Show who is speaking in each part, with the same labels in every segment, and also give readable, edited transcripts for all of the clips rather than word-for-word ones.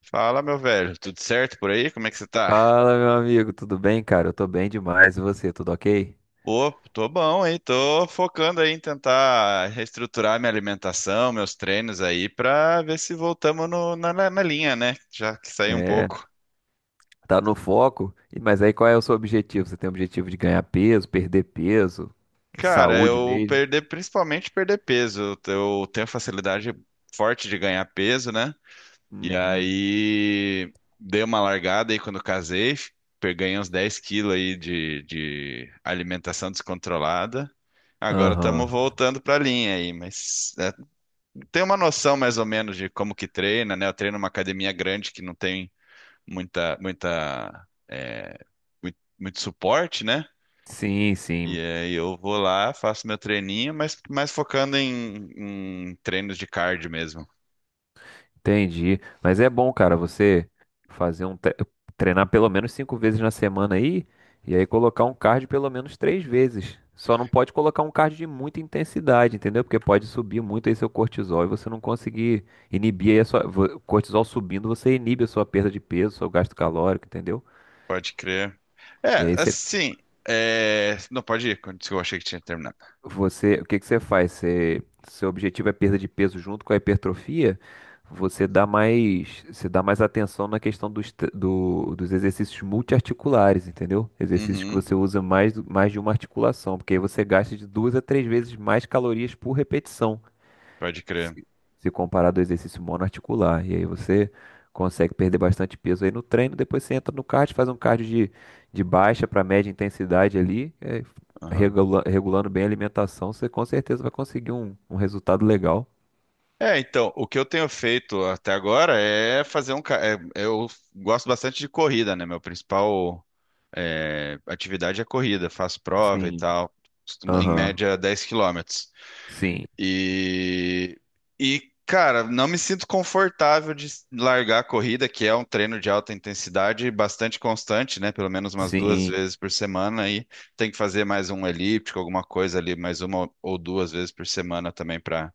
Speaker 1: Fala, meu velho, tudo certo por aí? Como é que você tá?
Speaker 2: Fala, meu amigo, tudo bem, cara? Eu tô bem demais. E você, tudo ok?
Speaker 1: Pô, tô bom, hein? Tô focando aí em tentar reestruturar minha alimentação, meus treinos aí, pra ver se voltamos na linha, né? Já que saiu um
Speaker 2: É,
Speaker 1: pouco.
Speaker 2: tá no foco. Mas aí qual é o seu objetivo? Você tem o objetivo de ganhar peso, perder peso,
Speaker 1: Cara,
Speaker 2: saúde
Speaker 1: eu
Speaker 2: mesmo?
Speaker 1: perder, principalmente perder peso. Eu tenho facilidade forte de ganhar peso, né? E
Speaker 2: Uhum.
Speaker 1: aí dei uma largada aí quando casei, ganhei uns 10 quilos aí de alimentação descontrolada. Agora estamos
Speaker 2: Aham.
Speaker 1: voltando para a linha aí, mas tem uma noção mais ou menos de como que treina, né? Eu treino numa academia grande que não tem muita, muita, é, muito suporte, né?
Speaker 2: Sim,
Speaker 1: E
Speaker 2: sim.
Speaker 1: aí eu vou lá, faço meu treininho, mas mais focando em treinos de cardio mesmo.
Speaker 2: Entendi. Mas é bom, cara, você fazer um tre- treinar pelo menos cinco vezes na semana aí e aí colocar um cardio pelo menos três vezes. Só não pode colocar um cardio de muita intensidade, entendeu? Porque pode subir muito aí seu cortisol e você não conseguir inibir aí a sua cortisol subindo, você inibe a sua perda de peso, seu gasto calórico, entendeu?
Speaker 1: Pode crer.
Speaker 2: E
Speaker 1: É,
Speaker 2: aí você.
Speaker 1: assim. É, não, pode ir. Eu achei que tinha terminado.
Speaker 2: Você, o que que você faz? Você, seu objetivo é perda de peso junto com a hipertrofia? Você dá mais atenção na questão dos, dos exercícios multiarticulares, entendeu? Exercícios que
Speaker 1: Uhum,
Speaker 2: você usa mais, mais de uma articulação, porque aí você gasta de duas a três vezes mais calorias por repetição
Speaker 1: pode crer.
Speaker 2: se, se comparado ao exercício monoarticular. E aí você consegue perder bastante peso aí no treino, depois você entra no cardio, faz um cardio de baixa para média intensidade ali,
Speaker 1: Aham.
Speaker 2: regulando bem a alimentação, você com certeza vai conseguir um, um resultado legal.
Speaker 1: É, então, o que eu tenho feito até agora. É fazer um. Ca- é, Eu gosto bastante de corrida, né? Meu principal atividade é corrida. Faço prova e
Speaker 2: Sim,
Speaker 1: tal. Em
Speaker 2: aham,
Speaker 1: média, 10 quilômetros.
Speaker 2: sim,
Speaker 1: E, e, cara, não me sinto confortável de largar a corrida, que é um treino de alta intensidade bastante constante, né? Pelo menos umas duas
Speaker 2: sim,
Speaker 1: vezes por semana. Aí tem que fazer mais um elíptico, alguma coisa ali, mais 1 ou 2 vezes por semana também para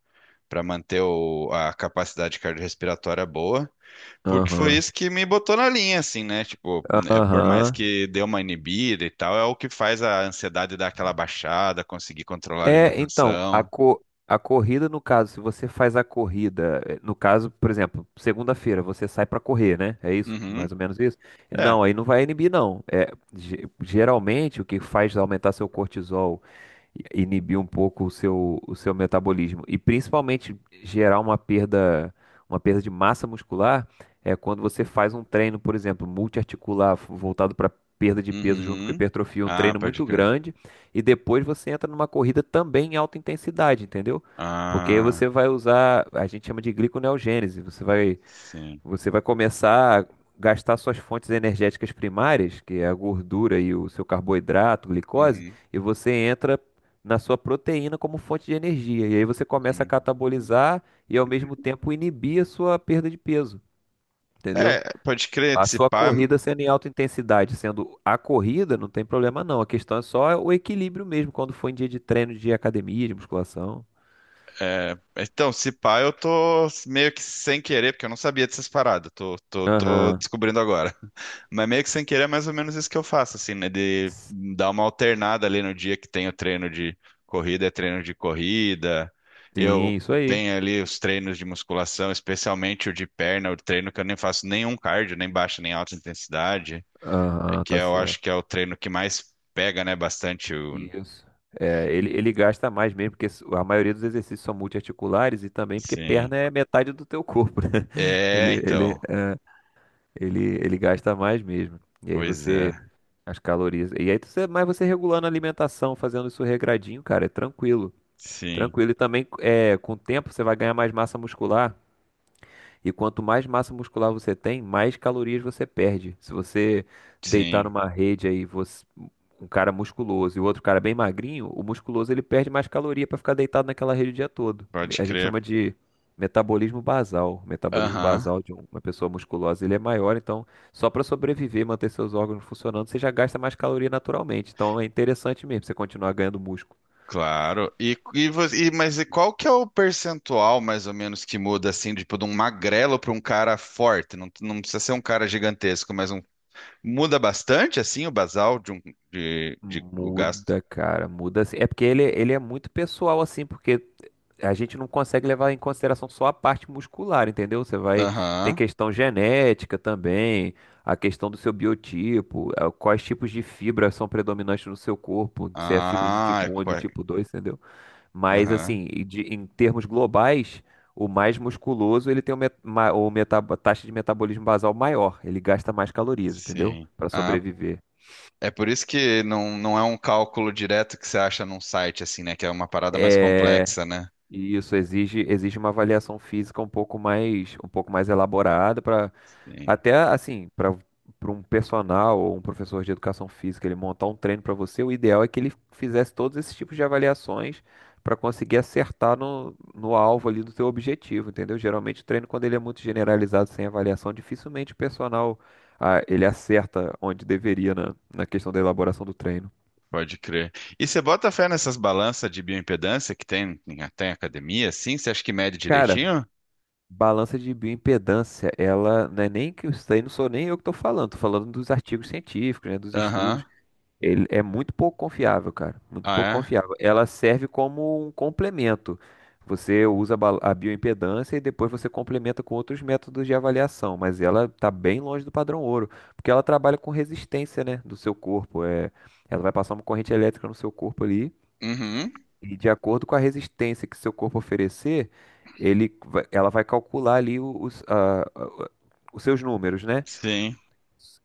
Speaker 1: para manter a capacidade cardiorrespiratória boa. Porque foi
Speaker 2: aham,
Speaker 1: isso que me botou na linha, assim, né? Tipo, né, por mais
Speaker 2: aham.
Speaker 1: que dê uma inibida e tal, é o que faz a ansiedade dar aquela baixada, conseguir controlar a
Speaker 2: É, então,
Speaker 1: alimentação.
Speaker 2: a corrida, no caso, se você faz a corrida, no caso, por exemplo, segunda-feira, você sai pra correr, né? É isso,
Speaker 1: Uhum.
Speaker 2: mais ou menos isso?
Speaker 1: É.
Speaker 2: Não, aí não vai inibir, não. É, geralmente, o que faz aumentar seu cortisol inibir um pouco o seu metabolismo. E principalmente gerar uma perda de massa muscular é quando você faz um treino, por exemplo, multiarticular, voltado para perda de peso junto com
Speaker 1: Uhum.
Speaker 2: hipertrofia, um
Speaker 1: Ah,
Speaker 2: treino
Speaker 1: pode
Speaker 2: muito
Speaker 1: crer.
Speaker 2: grande, e depois você entra numa corrida também em alta intensidade, entendeu? Porque aí
Speaker 1: Ah,
Speaker 2: você vai usar, a gente chama de gliconeogênese, você vai
Speaker 1: sim.
Speaker 2: você vai começar a gastar suas fontes energéticas primárias, que é a gordura e o seu carboidrato, glicose,
Speaker 1: Uhum.
Speaker 2: e você entra na sua proteína como fonte de energia. E aí você começa a
Speaker 1: Uhum.
Speaker 2: catabolizar e ao mesmo tempo inibir a sua perda de peso, entendeu?
Speaker 1: É, pode crer,
Speaker 2: A
Speaker 1: se
Speaker 2: sua
Speaker 1: pá.
Speaker 2: corrida sendo em alta intensidade, sendo a corrida, não tem problema não. A questão é só o equilíbrio mesmo, quando for em dia de treino, de academia, de musculação.
Speaker 1: É, então, se pá, eu tô meio que sem querer, porque eu não sabia dessas paradas, tô
Speaker 2: Aham.
Speaker 1: descobrindo agora. Mas meio que sem querer é mais ou menos isso que eu faço, assim, né? De dar uma alternada ali no dia que tem o treino de corrida, é treino de corrida. Eu
Speaker 2: Sim, isso aí.
Speaker 1: tenho ali os treinos de musculação, especialmente o de perna, o treino que eu nem faço nenhum cardio, nem baixa, nem alta intensidade,
Speaker 2: Aham,
Speaker 1: que
Speaker 2: tá
Speaker 1: é, eu acho
Speaker 2: certo.
Speaker 1: que é o treino que mais pega, né? Bastante o.
Speaker 2: Isso. É, ele gasta mais mesmo, porque a maioria dos exercícios são multiarticulares e também porque
Speaker 1: Sim.
Speaker 2: perna é metade do teu corpo, né? Ele,
Speaker 1: É,
Speaker 2: ele,
Speaker 1: então.
Speaker 2: ele gasta mais mesmo. E aí
Speaker 1: Pois
Speaker 2: você,
Speaker 1: é.
Speaker 2: as calorias. E aí você, mas você regulando a alimentação, fazendo isso regradinho, cara, é tranquilo.
Speaker 1: Sim.
Speaker 2: Tranquilo. E também, é, com o tempo, você vai ganhar mais massa muscular. E quanto mais massa muscular você tem, mais calorias você perde. Se você deitar
Speaker 1: Sim,
Speaker 2: numa rede aí, um cara musculoso e o outro cara bem magrinho, o musculoso ele perde mais caloria para ficar deitado naquela rede o dia todo.
Speaker 1: pode
Speaker 2: A gente
Speaker 1: crer.
Speaker 2: chama de metabolismo basal. O metabolismo
Speaker 1: Aham,
Speaker 2: basal uma pessoa musculosa, ele é maior, então só para sobreviver, manter seus órgãos funcionando, você já gasta mais caloria naturalmente. Então é interessante mesmo você continuar ganhando músculo.
Speaker 1: claro. Mas e qual que é o percentual, mais ou menos, que muda assim, tipo, de um magrelo para um cara forte? Não, não precisa ser um cara gigantesco, mas um, muda bastante assim o basal de um o gasto.
Speaker 2: Muda, cara, muda. Assim, é porque ele é muito pessoal, assim, porque a gente não consegue levar em consideração só a parte muscular, entendeu? Você vai. Tem
Speaker 1: Aham.
Speaker 2: questão genética também, a questão do seu biotipo, quais tipos de fibras são predominantes no seu corpo, se é fibra de
Speaker 1: Ah, é,
Speaker 2: tipo um e do tipo dois, entendeu? Mas,
Speaker 1: aham.
Speaker 2: assim, em termos globais, o mais musculoso ele tem o taxa de metabolismo basal maior, ele gasta mais calorias, entendeu?
Speaker 1: Sim.
Speaker 2: Para
Speaker 1: Ah,
Speaker 2: sobreviver.
Speaker 1: é por isso que não, não é um cálculo direto que você acha num site assim, né? Que é uma parada mais
Speaker 2: É,
Speaker 1: complexa, né?
Speaker 2: e isso exige uma avaliação física um pouco mais elaborada para
Speaker 1: Sim.
Speaker 2: até assim, para para um personal ou um professor de educação física ele montar um treino para você, o ideal é que ele fizesse todos esses tipos de avaliações para conseguir acertar no alvo ali do teu objetivo, entendeu? Geralmente o treino quando ele é muito generalizado sem avaliação, dificilmente o personal ah, ele acerta onde deveria na questão da elaboração do treino.
Speaker 1: Pode crer. E você bota fé nessas balanças de bioimpedância que tem, até em academia, assim? Você acha que mede
Speaker 2: Cara,
Speaker 1: direitinho?
Speaker 2: balança de bioimpedância, ela não é nem que isso daí não sou nem eu que estou falando dos artigos científicos, né, dos estudos.
Speaker 1: Aham.
Speaker 2: Ele é muito pouco confiável, cara, muito pouco
Speaker 1: Ah,
Speaker 2: confiável. Ela serve como um complemento. Você usa a bioimpedância e depois você complementa com outros métodos de avaliação, mas ela está bem longe do padrão ouro, porque ela trabalha com resistência, né, do seu corpo. É, ela vai passar uma corrente elétrica no seu corpo ali
Speaker 1: é? Uhum.
Speaker 2: e de acordo com a resistência que seu corpo oferecer, ela vai calcular ali os seus números, né?
Speaker 1: Sim,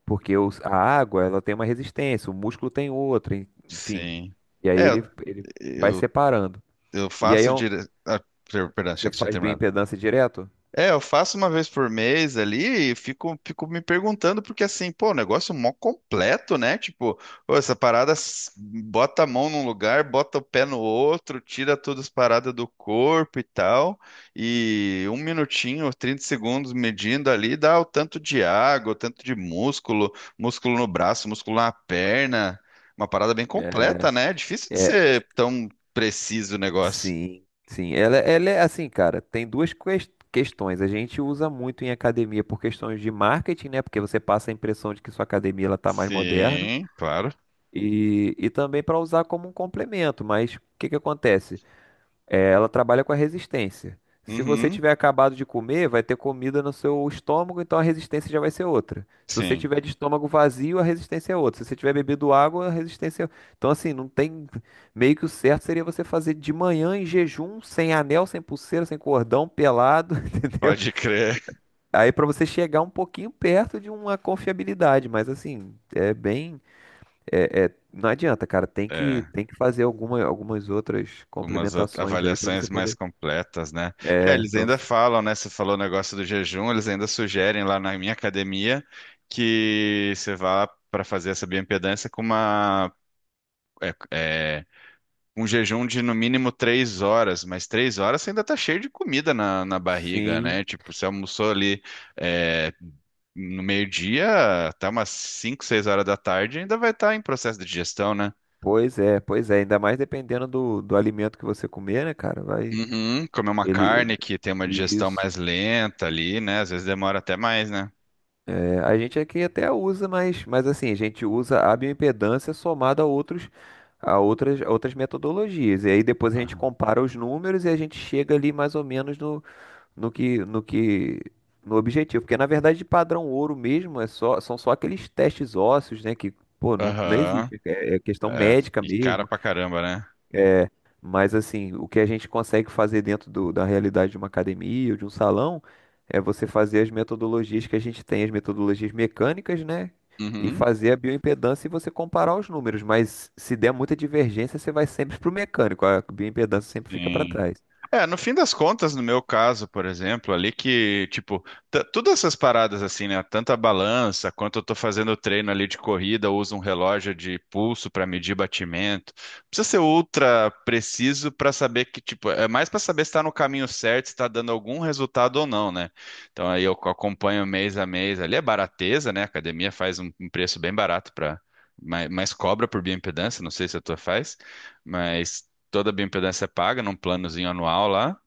Speaker 2: Porque a água, ela tem uma resistência, o músculo tem outra, enfim.
Speaker 1: sim.
Speaker 2: E aí
Speaker 1: É,
Speaker 2: ele vai
Speaker 1: eu,
Speaker 2: separando.
Speaker 1: eu
Speaker 2: E aí é um-
Speaker 1: Ah, perdão, achei
Speaker 2: você
Speaker 1: que você tinha
Speaker 2: faz
Speaker 1: terminado.
Speaker 2: bioimpedância direto?
Speaker 1: É, eu faço uma vez por mês ali e fico me perguntando, porque assim, pô, o negócio é mó completo, né? Tipo, pô, essa parada bota a mão num lugar, bota o pé no outro, tira todas as paradas do corpo e tal, e um minutinho, 30 segundos medindo ali, dá o tanto de água, o tanto de músculo, músculo no braço, músculo na perna, uma parada bem completa,
Speaker 2: É,
Speaker 1: né? É difícil de
Speaker 2: é,
Speaker 1: ser tão preciso o negócio.
Speaker 2: sim, sim. Ela é assim, cara, tem duas questões. A gente usa muito em academia por questões de marketing, né? Porque você passa a impressão de que sua academia ela tá mais moderna.
Speaker 1: Sim, claro.
Speaker 2: E também para usar como um complemento, mas o que que acontece? É, ela trabalha com a resistência. Se você
Speaker 1: Uhum,
Speaker 2: tiver acabado de comer, vai ter comida no seu estômago, então a resistência já vai ser outra. Se você
Speaker 1: sim.
Speaker 2: tiver de estômago vazio, a resistência é outra. Se você tiver bebido água, a resistência é outra. Então, assim, não tem. Meio que o certo seria você fazer de manhã em jejum, sem anel, sem pulseira, sem cordão, pelado, entendeu?
Speaker 1: Pode crer.
Speaker 2: Aí para você chegar um pouquinho perto de uma confiabilidade, mas assim, é bem. É, é, não adianta, cara.
Speaker 1: É,
Speaker 2: Tem que fazer algumas outras
Speaker 1: umas
Speaker 2: complementações aí pra você
Speaker 1: avaliações mais
Speaker 2: poder.
Speaker 1: completas, né? É,
Speaker 2: É,
Speaker 1: eles
Speaker 2: pra
Speaker 1: ainda
Speaker 2: você...
Speaker 1: falam, né? Você falou o negócio do jejum, eles ainda sugerem lá na minha academia que você vá para fazer essa bioimpedância com é, é, um jejum de no mínimo 3 horas, mas 3 horas você ainda tá cheio de comida na barriga,
Speaker 2: Sim,
Speaker 1: né? Tipo, você almoçou ali, é, no meio-dia, até umas 5, 6 horas da tarde, ainda vai estar em processo de digestão, né?
Speaker 2: pois é, pois é. Ainda mais dependendo do alimento que você comer, né, cara? Vai.
Speaker 1: Uhum, comer uma
Speaker 2: Ele.
Speaker 1: carne que tem uma digestão
Speaker 2: Isso.
Speaker 1: mais lenta ali, né? Às vezes demora até mais, né?
Speaker 2: É, a gente aqui até usa, mas assim, a gente usa a bioimpedância somada a outros, a outras metodologias. E aí depois a gente
Speaker 1: Aham.
Speaker 2: compara os números e a gente chega ali mais ou menos no no que, no que, no objetivo, porque na verdade de padrão ouro mesmo é só, são só aqueles testes ósseos, né, que pô, não, não
Speaker 1: Aham.
Speaker 2: existe, é, é questão
Speaker 1: É,
Speaker 2: médica
Speaker 1: e cara
Speaker 2: mesmo,
Speaker 1: pra caramba, né?
Speaker 2: mas assim, o que a gente consegue fazer dentro da realidade de uma academia ou de um salão é você fazer as metodologias que a gente tem, as metodologias mecânicas, né? E
Speaker 1: Uhum.
Speaker 2: fazer a bioimpedância e você comparar os números, mas se der muita divergência, você vai sempre pro mecânico, a bioimpedância sempre fica para
Speaker 1: Sim.
Speaker 2: trás.
Speaker 1: É, no fim das contas, no meu caso, por exemplo, ali que, tipo, todas essas paradas assim, né? Tanto a balança, quanto eu tô fazendo treino ali de corrida, eu uso um relógio de pulso para medir batimento. Não precisa ser ultra preciso para saber que, tipo, é mais para saber se tá no caminho certo, se tá dando algum resultado ou não, né? Então aí eu acompanho mês a mês ali, é barateza, né? A academia faz um preço bem barato para. Mas cobra por bioimpedância, não sei se a tua faz. Mas toda a bioimpedância é paga num planozinho anual lá.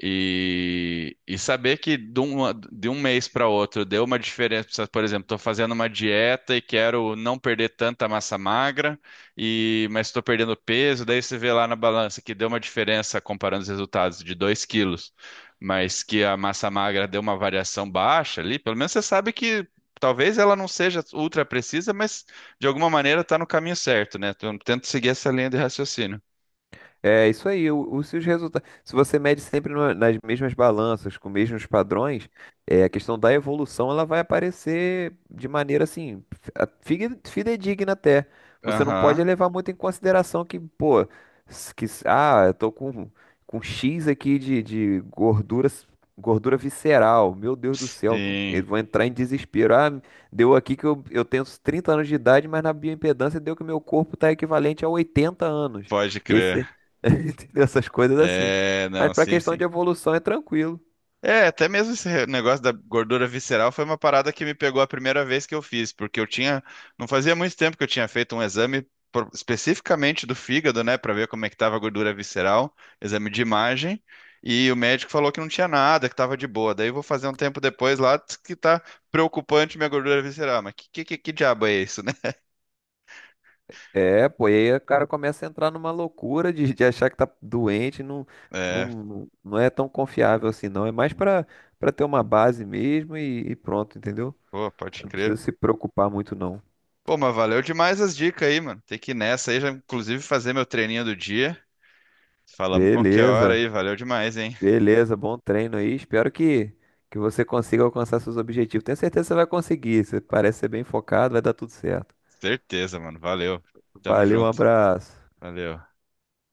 Speaker 1: E, saber que de um mês para outro deu uma diferença. Por exemplo, estou fazendo uma dieta e quero não perder tanta massa magra, e mas estou perdendo peso. Daí você vê lá na balança que deu uma diferença comparando os resultados de 2 quilos, mas que a massa magra deu uma variação baixa ali. Pelo menos você sabe que talvez ela não seja ultra precisa, mas de alguma maneira está no caminho certo, né? Então, tento seguir essa linha de raciocínio.
Speaker 2: É isso aí, se resultados. Se você mede sempre nas mesmas balanças, com os mesmos padrões, é, a questão da evolução ela vai aparecer de maneira assim, fidedigna até. Você não pode
Speaker 1: Aham.
Speaker 2: levar muito em consideração que, pô, eu tô com X aqui de gordura, gordura visceral. Meu Deus do céu, eu
Speaker 1: Sim,
Speaker 2: vou entrar em desespero. Ah, deu aqui que eu tenho 30 anos de idade, mas na bioimpedância deu que meu corpo está equivalente a 80 anos.
Speaker 1: pode crer.
Speaker 2: Entendeu? Essas coisas assim.
Speaker 1: É,
Speaker 2: Mas
Speaker 1: não,
Speaker 2: pra
Speaker 1: sim,
Speaker 2: questão
Speaker 1: sim.
Speaker 2: de evolução é tranquilo.
Speaker 1: É, até mesmo esse negócio da gordura visceral foi uma parada que me pegou a primeira vez que eu fiz, porque eu tinha, não fazia muito tempo que eu tinha feito um exame especificamente do fígado, né, pra ver como é que tava a gordura visceral, exame de imagem, e o médico falou que não tinha nada, que tava de boa. Daí eu vou fazer um tempo depois lá diz que tá preocupante minha gordura visceral, mas que diabo é isso, né?
Speaker 2: É, pô, e aí o cara começa a entrar numa loucura de achar que tá doente, não,
Speaker 1: É,
Speaker 2: não, não é tão confiável assim, não. É mais pra, pra ter uma base mesmo e pronto, entendeu?
Speaker 1: pô,
Speaker 2: Você
Speaker 1: pode
Speaker 2: não
Speaker 1: crer.
Speaker 2: precisa se preocupar muito, não.
Speaker 1: Pô, mas valeu demais as dicas aí, mano. Tem que ir nessa aí, já inclusive fazer meu treininho do dia. Falamos qualquer hora
Speaker 2: Beleza,
Speaker 1: aí, valeu demais, hein?
Speaker 2: beleza, bom treino aí. Espero que você consiga alcançar seus objetivos. Tenho certeza que você vai conseguir. Você parece ser bem focado, vai dar tudo certo.
Speaker 1: Certeza, mano. Valeu. Tamo
Speaker 2: Valeu, um
Speaker 1: junto.
Speaker 2: abraço.
Speaker 1: Valeu.